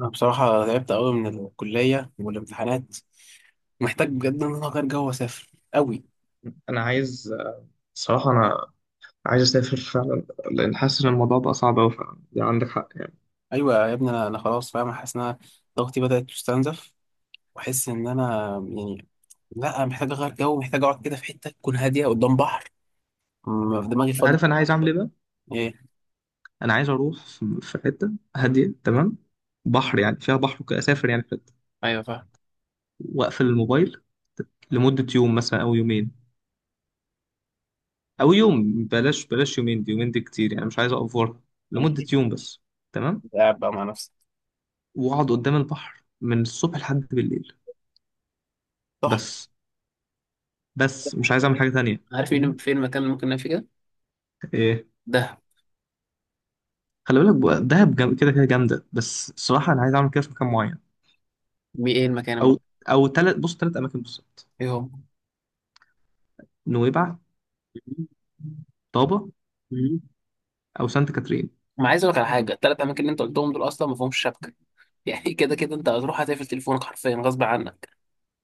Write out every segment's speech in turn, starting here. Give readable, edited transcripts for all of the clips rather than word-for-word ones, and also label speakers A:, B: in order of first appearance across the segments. A: أنا بصراحة تعبت أوي من الكلية والامتحانات. محتاج بجد إن أنا أغير جو وأسافر أوي.
B: انا عايز صراحه، انا عايز اسافر فعلا، لان حاسس ان الموضوع بقى صعب قوي فعلا. يعني عندك حق يعني.
A: أيوة يا ابني، أنا خلاص فاهم، حاسس إن أنا ضغطي بدأت تستنزف، وأحس إن أنا يعني لأ، محتاج أغير جو، محتاج أقعد كده في حتة تكون هادية قدام بحر. في دماغي فاضي.
B: عارف انا عايز اعمل ايه بقى؟
A: إيه؟
B: انا عايز اروح في حته هاديه، تمام، بحر، يعني فيها بحر وكده. اسافر يعني في حته،
A: أيوه فاهم.
B: واقفل الموبايل لمده يوم مثلا او يومين، او يوم. بلاش بلاش يومين، دي يومين دي كتير يعني، مش عايز اوفر. لمده
A: ماشي.
B: يوم بس. تمام.
A: قاعد بقى مع نفسي.
B: واقعد قدام البحر من الصبح لحد بالليل
A: صح.
B: بس. بس مش عايز اعمل حاجه تانية.
A: عارف
B: فاهم.
A: فين المكان اللي ممكن نعمل فيه كده؟ دهب.
B: خلي بالك بقى، دهب كده كده جامده، بس الصراحه انا عايز اعمل كده في مكان معين.
A: إيه المكان
B: او او ثلاث، بص، ثلاث اماكن بالظبط:
A: إيه هو؟
B: نويبع، طابه، او سانت كاترين.
A: ما عايز اقول لك على حاجه، الثلاث اماكن اللي انت قلتهم دول اصلا ما فيهمش شبكه يعني كده كده انت هتروح هتقفل تليفونك حرفيا غصب عنك.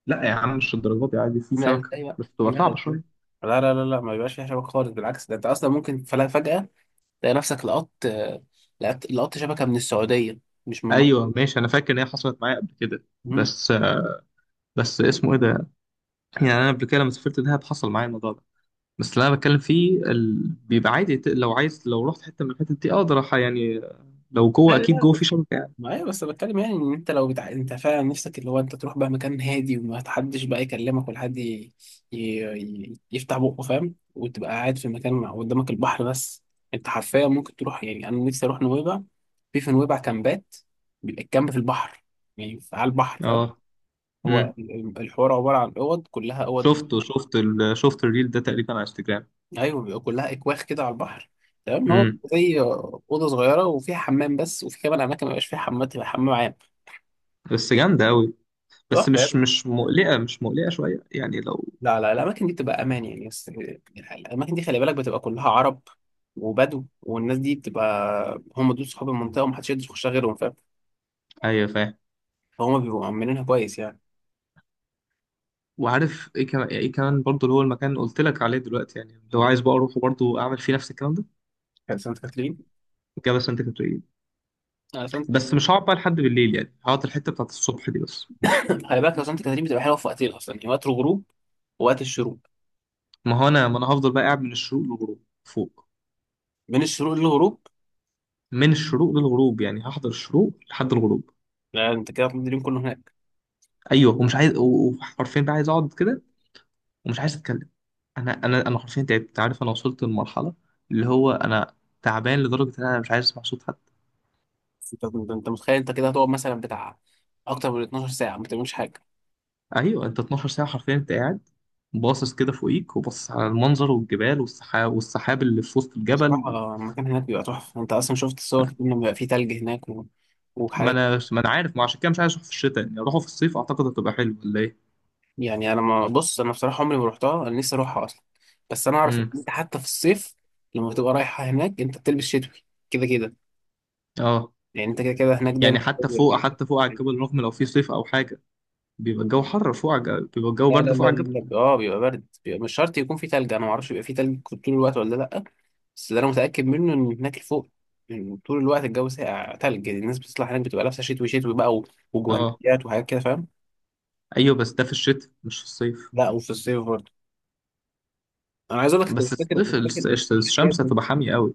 B: لا يا عم، مش الدرجات دي، عادي في
A: ما
B: سمكه
A: ازاي بقى؟
B: بس تبقى
A: لا
B: صعبه
A: ازاي؟
B: شويه.
A: لا، لا، لا، لا، ما بيبقاش فيها شبكة خالص. بالعكس، ده انت اصلا ممكن فجأة تلاقي نفسك لقطت شبكة من السعودية، مش من مصر.
B: ايوه ماشي، انا فاكر ان هي حصلت معايا قبل كده،
A: مم.
B: بس اسمه ايه ده. يعني انا قبل كده لما سافرت دهب حصل معايا الموضوع ده. بس اللي انا بتكلم فيه بيبقى عادي. لو عايز، لو رحت حته من الحتت دي اقدر يعني لو جوه
A: لا، لا.
B: اكيد جوه في شبكه يعني.
A: ما ايوه، بس بتكلم يعني، ان انت لو انت فعلا نفسك اللي هو انت تروح بقى مكان هادي وما حدش بقى يكلمك، ولا حد ي... يفتح بقه فاهم، وتبقى قاعد في مكان قدامك البحر بس. انت حرفيا ممكن تروح، يعني انا نفسي اروح نويبع. في نويبع كامبات، بيبقى الكامب في البحر، يعني على البحر، فاهم.
B: اه.
A: هو
B: امم.
A: الحوار عبارة عن اوض، كلها اوض.
B: شفت الريل ده تقريبا على انستجرام.
A: ايوه بيبقى كلها اكواخ كده على البحر. تمام. هو
B: امم.
A: زي اوضه صغيره وفيها حمام بس، وفي كمان اماكن ما بيبقاش فيها حمام، تبقى حمام عام.
B: بس جامدة أوي. بس مش
A: تحفه.
B: مش مقلقة، مش مقلقة شوية يعني، لو...
A: لا، لا، الأماكن دي بتبقى أمان يعني. بس الأماكن دي خلي بالك بتبقى كلها عرب وبدو، والناس دي بتبقى هم دول صحاب المنطقة، ومحدش يقدر يخشها غيرهم، فاهم.
B: أيوة فاهم.
A: فهم بيبقوا مأمنينها كويس يعني.
B: وعارف إيه كمان برضه اللي هو المكان اللي قلت لك عليه دلوقتي، يعني لو عايز بقى أروح وبرضه أعمل فيه نفس الكلام ده
A: كان سانت كاترين.
B: كده. بس أنت كنت إيه؟
A: آه، سانت.
B: بس مش هقعد بقى لحد بالليل، يعني هقعد الحتة بتاعت الصبح دي بس.
A: خلي بالك لو سانت كاترين بتبقى حلوة في وقتين أصلا، يعني وقت الغروب ووقت الشروق.
B: ما أنا هفضل بقى قاعد من الشروق للغروب فوق.
A: من الشروق للغروب؟
B: من الشروق للغروب، يعني هحضر الشروق لحد الغروب.
A: لا، أنت كده هتقضي اليوم كله هناك.
B: أيوه ومش عايز، وحرفيا بقى عايز أقعد كده، ومش عايز اتكلم. انا حرفيا تعبت. عارف، انا وصلت لمرحله اللي هو انا تعبان لدرجه ان انا مش عايز اسمع صوت حد.
A: أنت متخيل أنت كده هتقعد مثلا بتاع أكتر من 12 ساعة ما بتعملش حاجة؟
B: ايوه، انت 12 ساعه حرفيا انت قاعد باصص كده فوقيك، وباصص على المنظر والجبال والسحاب، والسحاب اللي في وسط الجبل.
A: بصراحة المكان هناك بيبقى تحفة. أنت أصلا شفت الصور لما بيبقى فيه تلج هناك و...
B: ما
A: وحاجات.
B: انا ما انا عارف، ما عشان كده مش عايز اروح في الشتاء، يعني اروحه في الصيف، اعتقد هتبقى حلوه، ولا ايه؟
A: يعني انا، ما بص، انا بصراحه عمري ما رحتها، انا نفسي اروحها اصلا. بس انا اعرف ان
B: امم.
A: انت حتى في الصيف لما بتبقى رايحه هناك انت بتلبس شتوي، كده كده.
B: اه،
A: يعني انت كده كده هناك دايما.
B: يعني حتى فوق على الجبل رغم لو في صيف او حاجه بيبقى الجو حر فوق على الجبل. بيبقى الجو
A: لا، لا،
B: برد فوق
A: لا،
B: على الجبل.
A: لا، لا. اه، بيبقى برد، بيبقى مش شرط يكون في تلج، انا ما اعرفش بيبقى في تلج طول الوقت ولا لا. بس اللي انا متاكد منه ان هناك فوق، يعني طول الوقت الجو ساقع تلج. يعني الناس بتطلع هناك بتبقى لابسه شتوي شتوي بقى و-
B: اه.
A: وجوانتيات وحاجات كده، فاهم.
B: ايوه، بس ده في الشتاء مش في الصيف.
A: لا، وفي الصيف برضه. انا عايز اقول لك انت مش
B: بس
A: فاكر،
B: الصيف
A: مش فاكر، انت مش فاكر يا
B: الشمس
A: ابني.
B: هتبقى حامية قوي.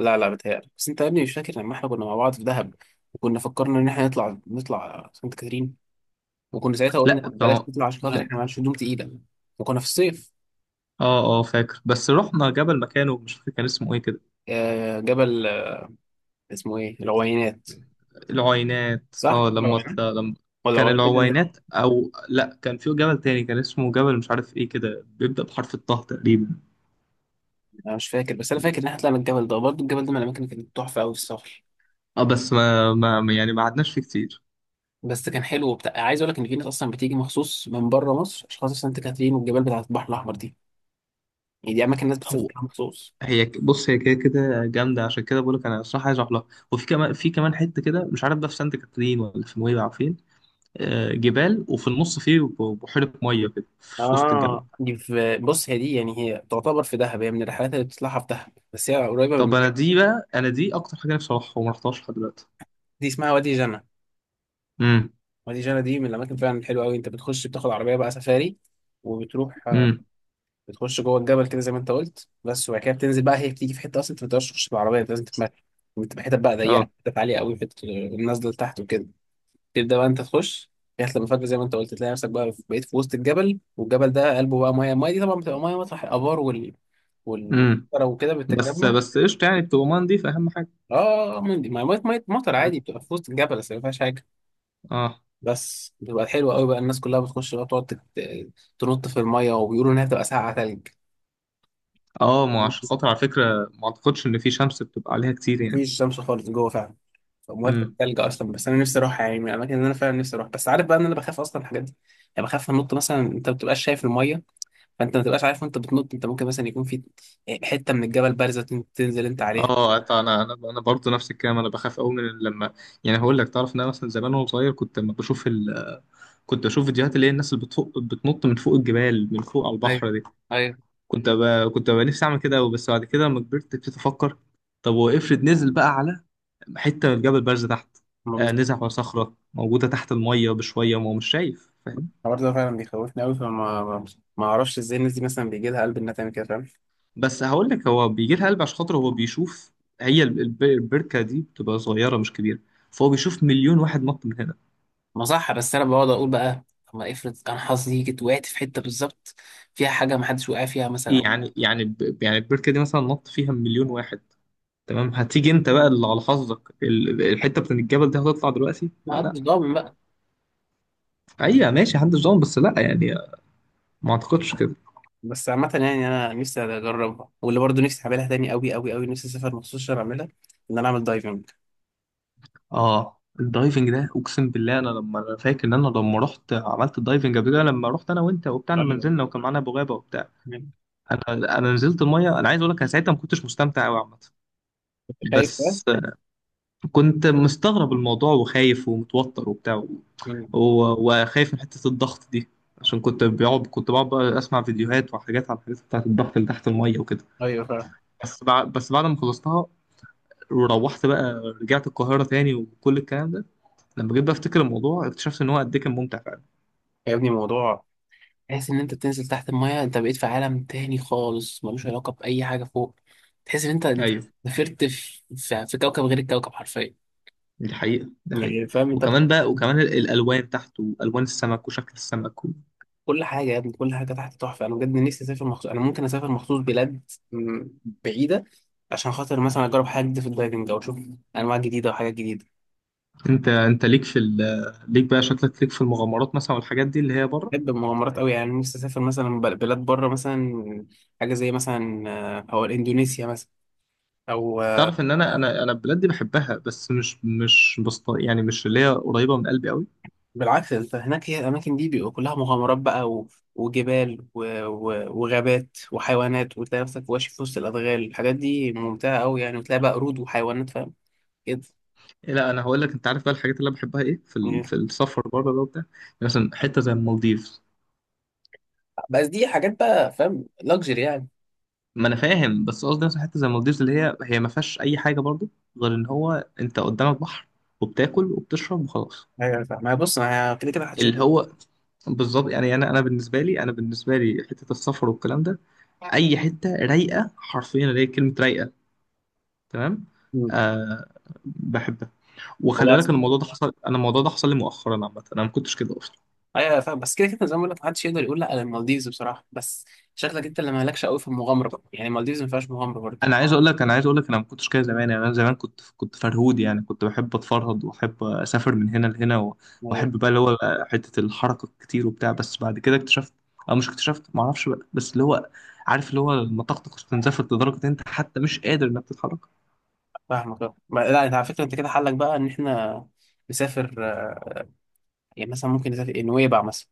A: لا، لا، بتهيألك بس. انت يا ابني مش فاكر لما احنا كنا مع بعض في دهب، وكنا فكرنا ان احنا نطلع سانت كاترين، وكنا ساعتها
B: لا،
A: قلنا بلاش نطلع عشان خاطر
B: م-
A: احنا معانا هدوم تقيله، وكنا في الصيف.
B: اه اه فاكر، بس رحنا جبل مكانه مش فاكر كان اسمه ايه كده.
A: آه، جبل. آه، اسمه ايه؟ العوينات.
B: العوينات.
A: صح
B: اه
A: مش
B: لما
A: العوينات، ولا
B: كان
A: العوينات ده اللي تحت؟
B: العوينات، او لا، كان في جبل تاني كان اسمه جبل مش عارف ايه كده، بيبدأ بحرف الطه تقريبا.
A: انا مش فاكر، بس انا فاكر ان احنا طلعنا الجبل ده برضه. الجبل ده من الاماكن اللي كانت تحفه قوي في السفر.
B: اه، بس ما يعني ما قعدناش فيه كتير.
A: بس كان حلو وبتاع. عايز اقول لك ان في ناس اصلا بتيجي مخصوص من بره مصر عشان خاطر سانت كاترين والجبال بتاعت البحر الاحمر دي. يعني دي اماكن الناس
B: هو
A: بتسافرها مخصوص.
B: بص، هي كده كده جامده، عشان كده بقول لك انا الصراحه عايز اروح لها. وفي كمان في كمان حته كده مش عارف ده في سانت كاترين ولا في نويبع فين. آه، جبال وفي النص فيه بحيرة مية كده في وسط الجبل.
A: اه، دي في، بص هي دي يعني، هي تعتبر في دهب، هي من الرحلات اللي بتطلعها في دهب، بس هي قريبه
B: طب،
A: من.
B: أنا دي أكتر حاجة نفسي أروحها وما رحتهاش لحد دلوقتي.
A: دي اسمها وادي جنة.
B: امم.
A: وادي جنة دي من الاماكن فعلا الحلوه قوي. انت بتخش بتاخد عربيه بقى سفاري وبتروح، آه،
B: امم.
A: بتخش جوه الجبل كده زي ما انت قلت بس. وبعد كده بتنزل بقى، هي بتيجي في حته اصلا انت ما تقدرش تخش بالعربيه، انت لازم تتمشى. بتبقى حتت بقى ضيقه،
B: اه.
A: حتت عاليه قوي، حتت النازله لتحت وكده. تبدا بقى انت تخش لغايه لما فجأة زي ما انت قلت تلاقي نفسك بقى بقيت في وسط الجبل، والجبل ده قلبه بقى ميه. الميه دي طبعا بتبقى ميه مطرح الابار وال-
B: امم.
A: وكده
B: بس
A: بتتجمع.
B: بس قشطة، يعني بتبقى مندي أهم حاجة.
A: اه، من دي، ما مية مية مطر
B: مم.
A: عادي، بتبقى في وسط الجبل بس ما فيهاش حاجه.
B: اه.
A: بس بتبقى حلوه قوي بقى. الناس كلها بتخش بقى بتقعد تنط في الميه، وبيقولوا انها بتبقى ساقعه تلج.
B: اه، ما عشان خاطر على فكرة ما أعتقدش إن في شمس بتبقى عليها كتير يعني.
A: مفيش شمس خالص جوه فعلا، فالميه بتبقى
B: امم.
A: تلج اصلا. بس انا نفسي اروح، يعني من الاماكن اللي انا فعلا نفسي اروح. بس عارف بقى ان انا بخاف اصلا من الحاجات دي. يعني بخاف انط مثلا، انت ما بتبقاش شايف الميه، فانت ما بتبقاش عارف وانت بتنط. انت ممكن مثلا يكون في حته من الجبل بارزه تنزل انت عليها.
B: اه، انا برضه نفس الكلام. انا بخاف قوي من لما... يعني هقول لك، تعرف ان انا مثلا زمان وانا صغير كنت بشوف فيديوهات اللي هي الناس اللي بتفوق بتنط من فوق الجبال من فوق على
A: ايوه،
B: البحر دي.
A: ايوه.
B: كنت أبقى نفسي أعمل كده أوي، بس بعد كده لما كبرت ابتديت أفكر: طب وافرض نزل بقى على حتة من الجبل بارزة تحت.
A: ما
B: آه،
A: بز-
B: نزل على صخرة موجودة تحت المية بشوية وهو مش شايف. فاهم.
A: الحوار ده فعلا بيخوفني قوي، فما ما ما اعرفش ازاي الناس دي مثلا بيجي لها قلب انها تعمل كده، فاهم.
B: بس هقول لك، هو بيجي لها قلب عشان خاطر هو بيشوف. هي البركة دي بتبقى صغيرة مش كبيرة، فهو بيشوف مليون واحد نط من هنا.
A: ما صح، بس انا بقعد اقول بقى، طب ما افرض انا حظي جيت وقعت في حته بالظبط فيها حاجه ما حدش وقع فيها مثلا، او.
B: يعني البركة دي مثلا نط فيها مليون واحد، تمام، هتيجي انت بقى اللي على حظك الحتة بتاعت الجبل دي هتطلع دلوقتي؟
A: ما حدش
B: لا.
A: ضامن بقى.
B: هي ماشي محدش ضامن، بس لا يعني، ما اعتقدش كده.
A: بس عامه يعني انا نفسي اجربها، واللي برضه نفسي اعملها تاني قوي قوي قوي، نفسي اسافر مخصوص عشان اعملها، ان انا اعمل دايفنج.
B: اه، الدايفنج ده اقسم بالله. انا فاكر ان انا لما رحت عملت الدايفنج قبل كده، لما رحت انا وانت وبتاع، لما
A: ايوه،
B: نزلنا وكان معانا ابو غابه وبتاع، انا نزلت الميه. انا عايز اقول لك انا ساعتها ما كنتش مستمتع قوي عامه.
A: كنت خايف بقى.
B: بس كنت مستغرب الموضوع وخايف ومتوتر وبتاع و...
A: مم.
B: وخايف من حته الضغط دي. عشان كنت بقعد بقى اسمع فيديوهات وحاجات عن الحاجات بتاعت الضغط اللي تحت الميه وكده.
A: ايوه فعلا.
B: بس بعد ما خلصتها وروحت بقى، رجعت القاهره تاني، وكل الكلام ده لما جيت بقى افتكر الموضوع اكتشفت ان هو قد ايه كان ممتع فعلا.
A: يا ابني موضوع. تحس ان انت بتنزل تحت المايه، انت بقيت في عالم تاني خالص ملوش علاقه باي حاجه فوق. تحس ان انت
B: ايوه،
A: سافرت في كوكب غير الكوكب، حرفيا.
B: دي حقيقة، دي حقيقة.
A: يعني فاهم انت.
B: وكمان بقى، وكمان الالوان تحته، الوان السمك وشكل السمك و...
A: كل حاجه يا ابني، كل حاجه تحت تحفه. انا بجد نفسي اسافر مخصوص، انا ممكن اسافر مخصوص بلاد م- بعيده عشان خاطر مثلا اجرب حاجه جديده في الدايفنج، او اشوف انواع جديده وحاجات جديده.
B: انت انت ليك في ال... ليك بقى شكلك ليك في المغامرات مثلا والحاجات دي اللي هي بره.
A: بحب المغامرات قوي يعني، نفسي اسافر مثلا بلاد بره مثلا. حاجه زي مثلا او اندونيسيا مثلا، او
B: تعرف ان انا البلاد دي بحبها، بس مش مش بسط... يعني مش اللي هي قريبة من قلبي قوي.
A: بالعكس، انت هناك، هي الاماكن دي بيبقى كلها مغامرات بقى و... وجبال و... و... وغابات وحيوانات، وتلاقي نفسك ماشي في وسط الادغال. الحاجات دي ممتعه قوي يعني، وتلاقي بقى قرود وحيوانات، فاهم كده.
B: لا انا هقول لك، انت عارف بقى الحاجات اللي انا بحبها ايه في السفر بره ده وبتاع؟ يعني مثلا حتة زي المالديف.
A: بس دي حاجات بقى فاهم، لاكجري يعني.
B: ما انا فاهم، بس قصدي مثلا حته زي المالديفز اللي هي ما فيهاش اي حاجه برضو، غير ان هو انت قدامك بحر وبتاكل وبتشرب وخلاص.
A: ايوه فاهم، ما هي بص، ما هي كده كده محدش
B: اللي
A: يقدر.
B: هو بالظبط يعني، انا بالنسبه لي حته السفر والكلام ده اي حته رايقه حرفيا، اللي هي كلمه رايقه، تمام.
A: مم.
B: آه، بحبها.
A: هو
B: وخلي بالك ان
A: اصلا.
B: الموضوع ده حصل انا الموضوع ده حصل لي مؤخرا عامه، انا ما كنتش كده.
A: ايوه فاهم، بس كده كده زي ما بقول لك، محدش يقدر يقول لا على المالديفز بصراحه، بس شكلك انت اللي مالكش قوي في المغامره بقى. يعني المالديفز ما فيهاش مغامره برضه.
B: انا عايز اقول لك انا ما كنتش كده زمان. يعني انا زمان كنت فرهود يعني، كنت بحب اتفرهد واحب اسافر من هنا لهنا
A: ايوه
B: واحب بقى اللي هو حته الحركه الكتير وبتاع. بس بعد كده اكتشفت، او مش اكتشفت ما اعرفش بقى، بس اللي هو عارف اللي هو لما طاقتك استنزفت لدرجه ان انت حتى مش قادر انك تتحرك.
A: فاهمك أه. لا، انت على فكره، انت كده حلك بقى ان احنا نسافر، يعني مثلا ممكن نسافر نويبع مثلا.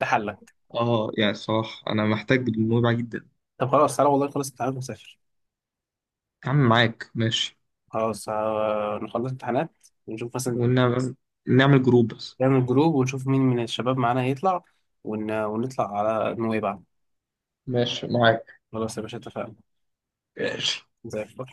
A: ده حلك.
B: اه يعني الصراحه انا محتاج الموضوع جدا.
A: طب خلاص، تعالى والله خلص امتحانات ونسافر.
B: يا عم معاك ماشي.
A: خلاص نخلص امتحانات، ونشوف مثلا
B: ونعمل نعمل جروب بس.
A: نعمل جروب، ونشوف مين من الشباب معانا هيطلع ون... ونطلع على نويبع.
B: ماشي معاك.
A: خلاص يا باشا، اتفقنا.
B: ماشي.
A: زي الفل.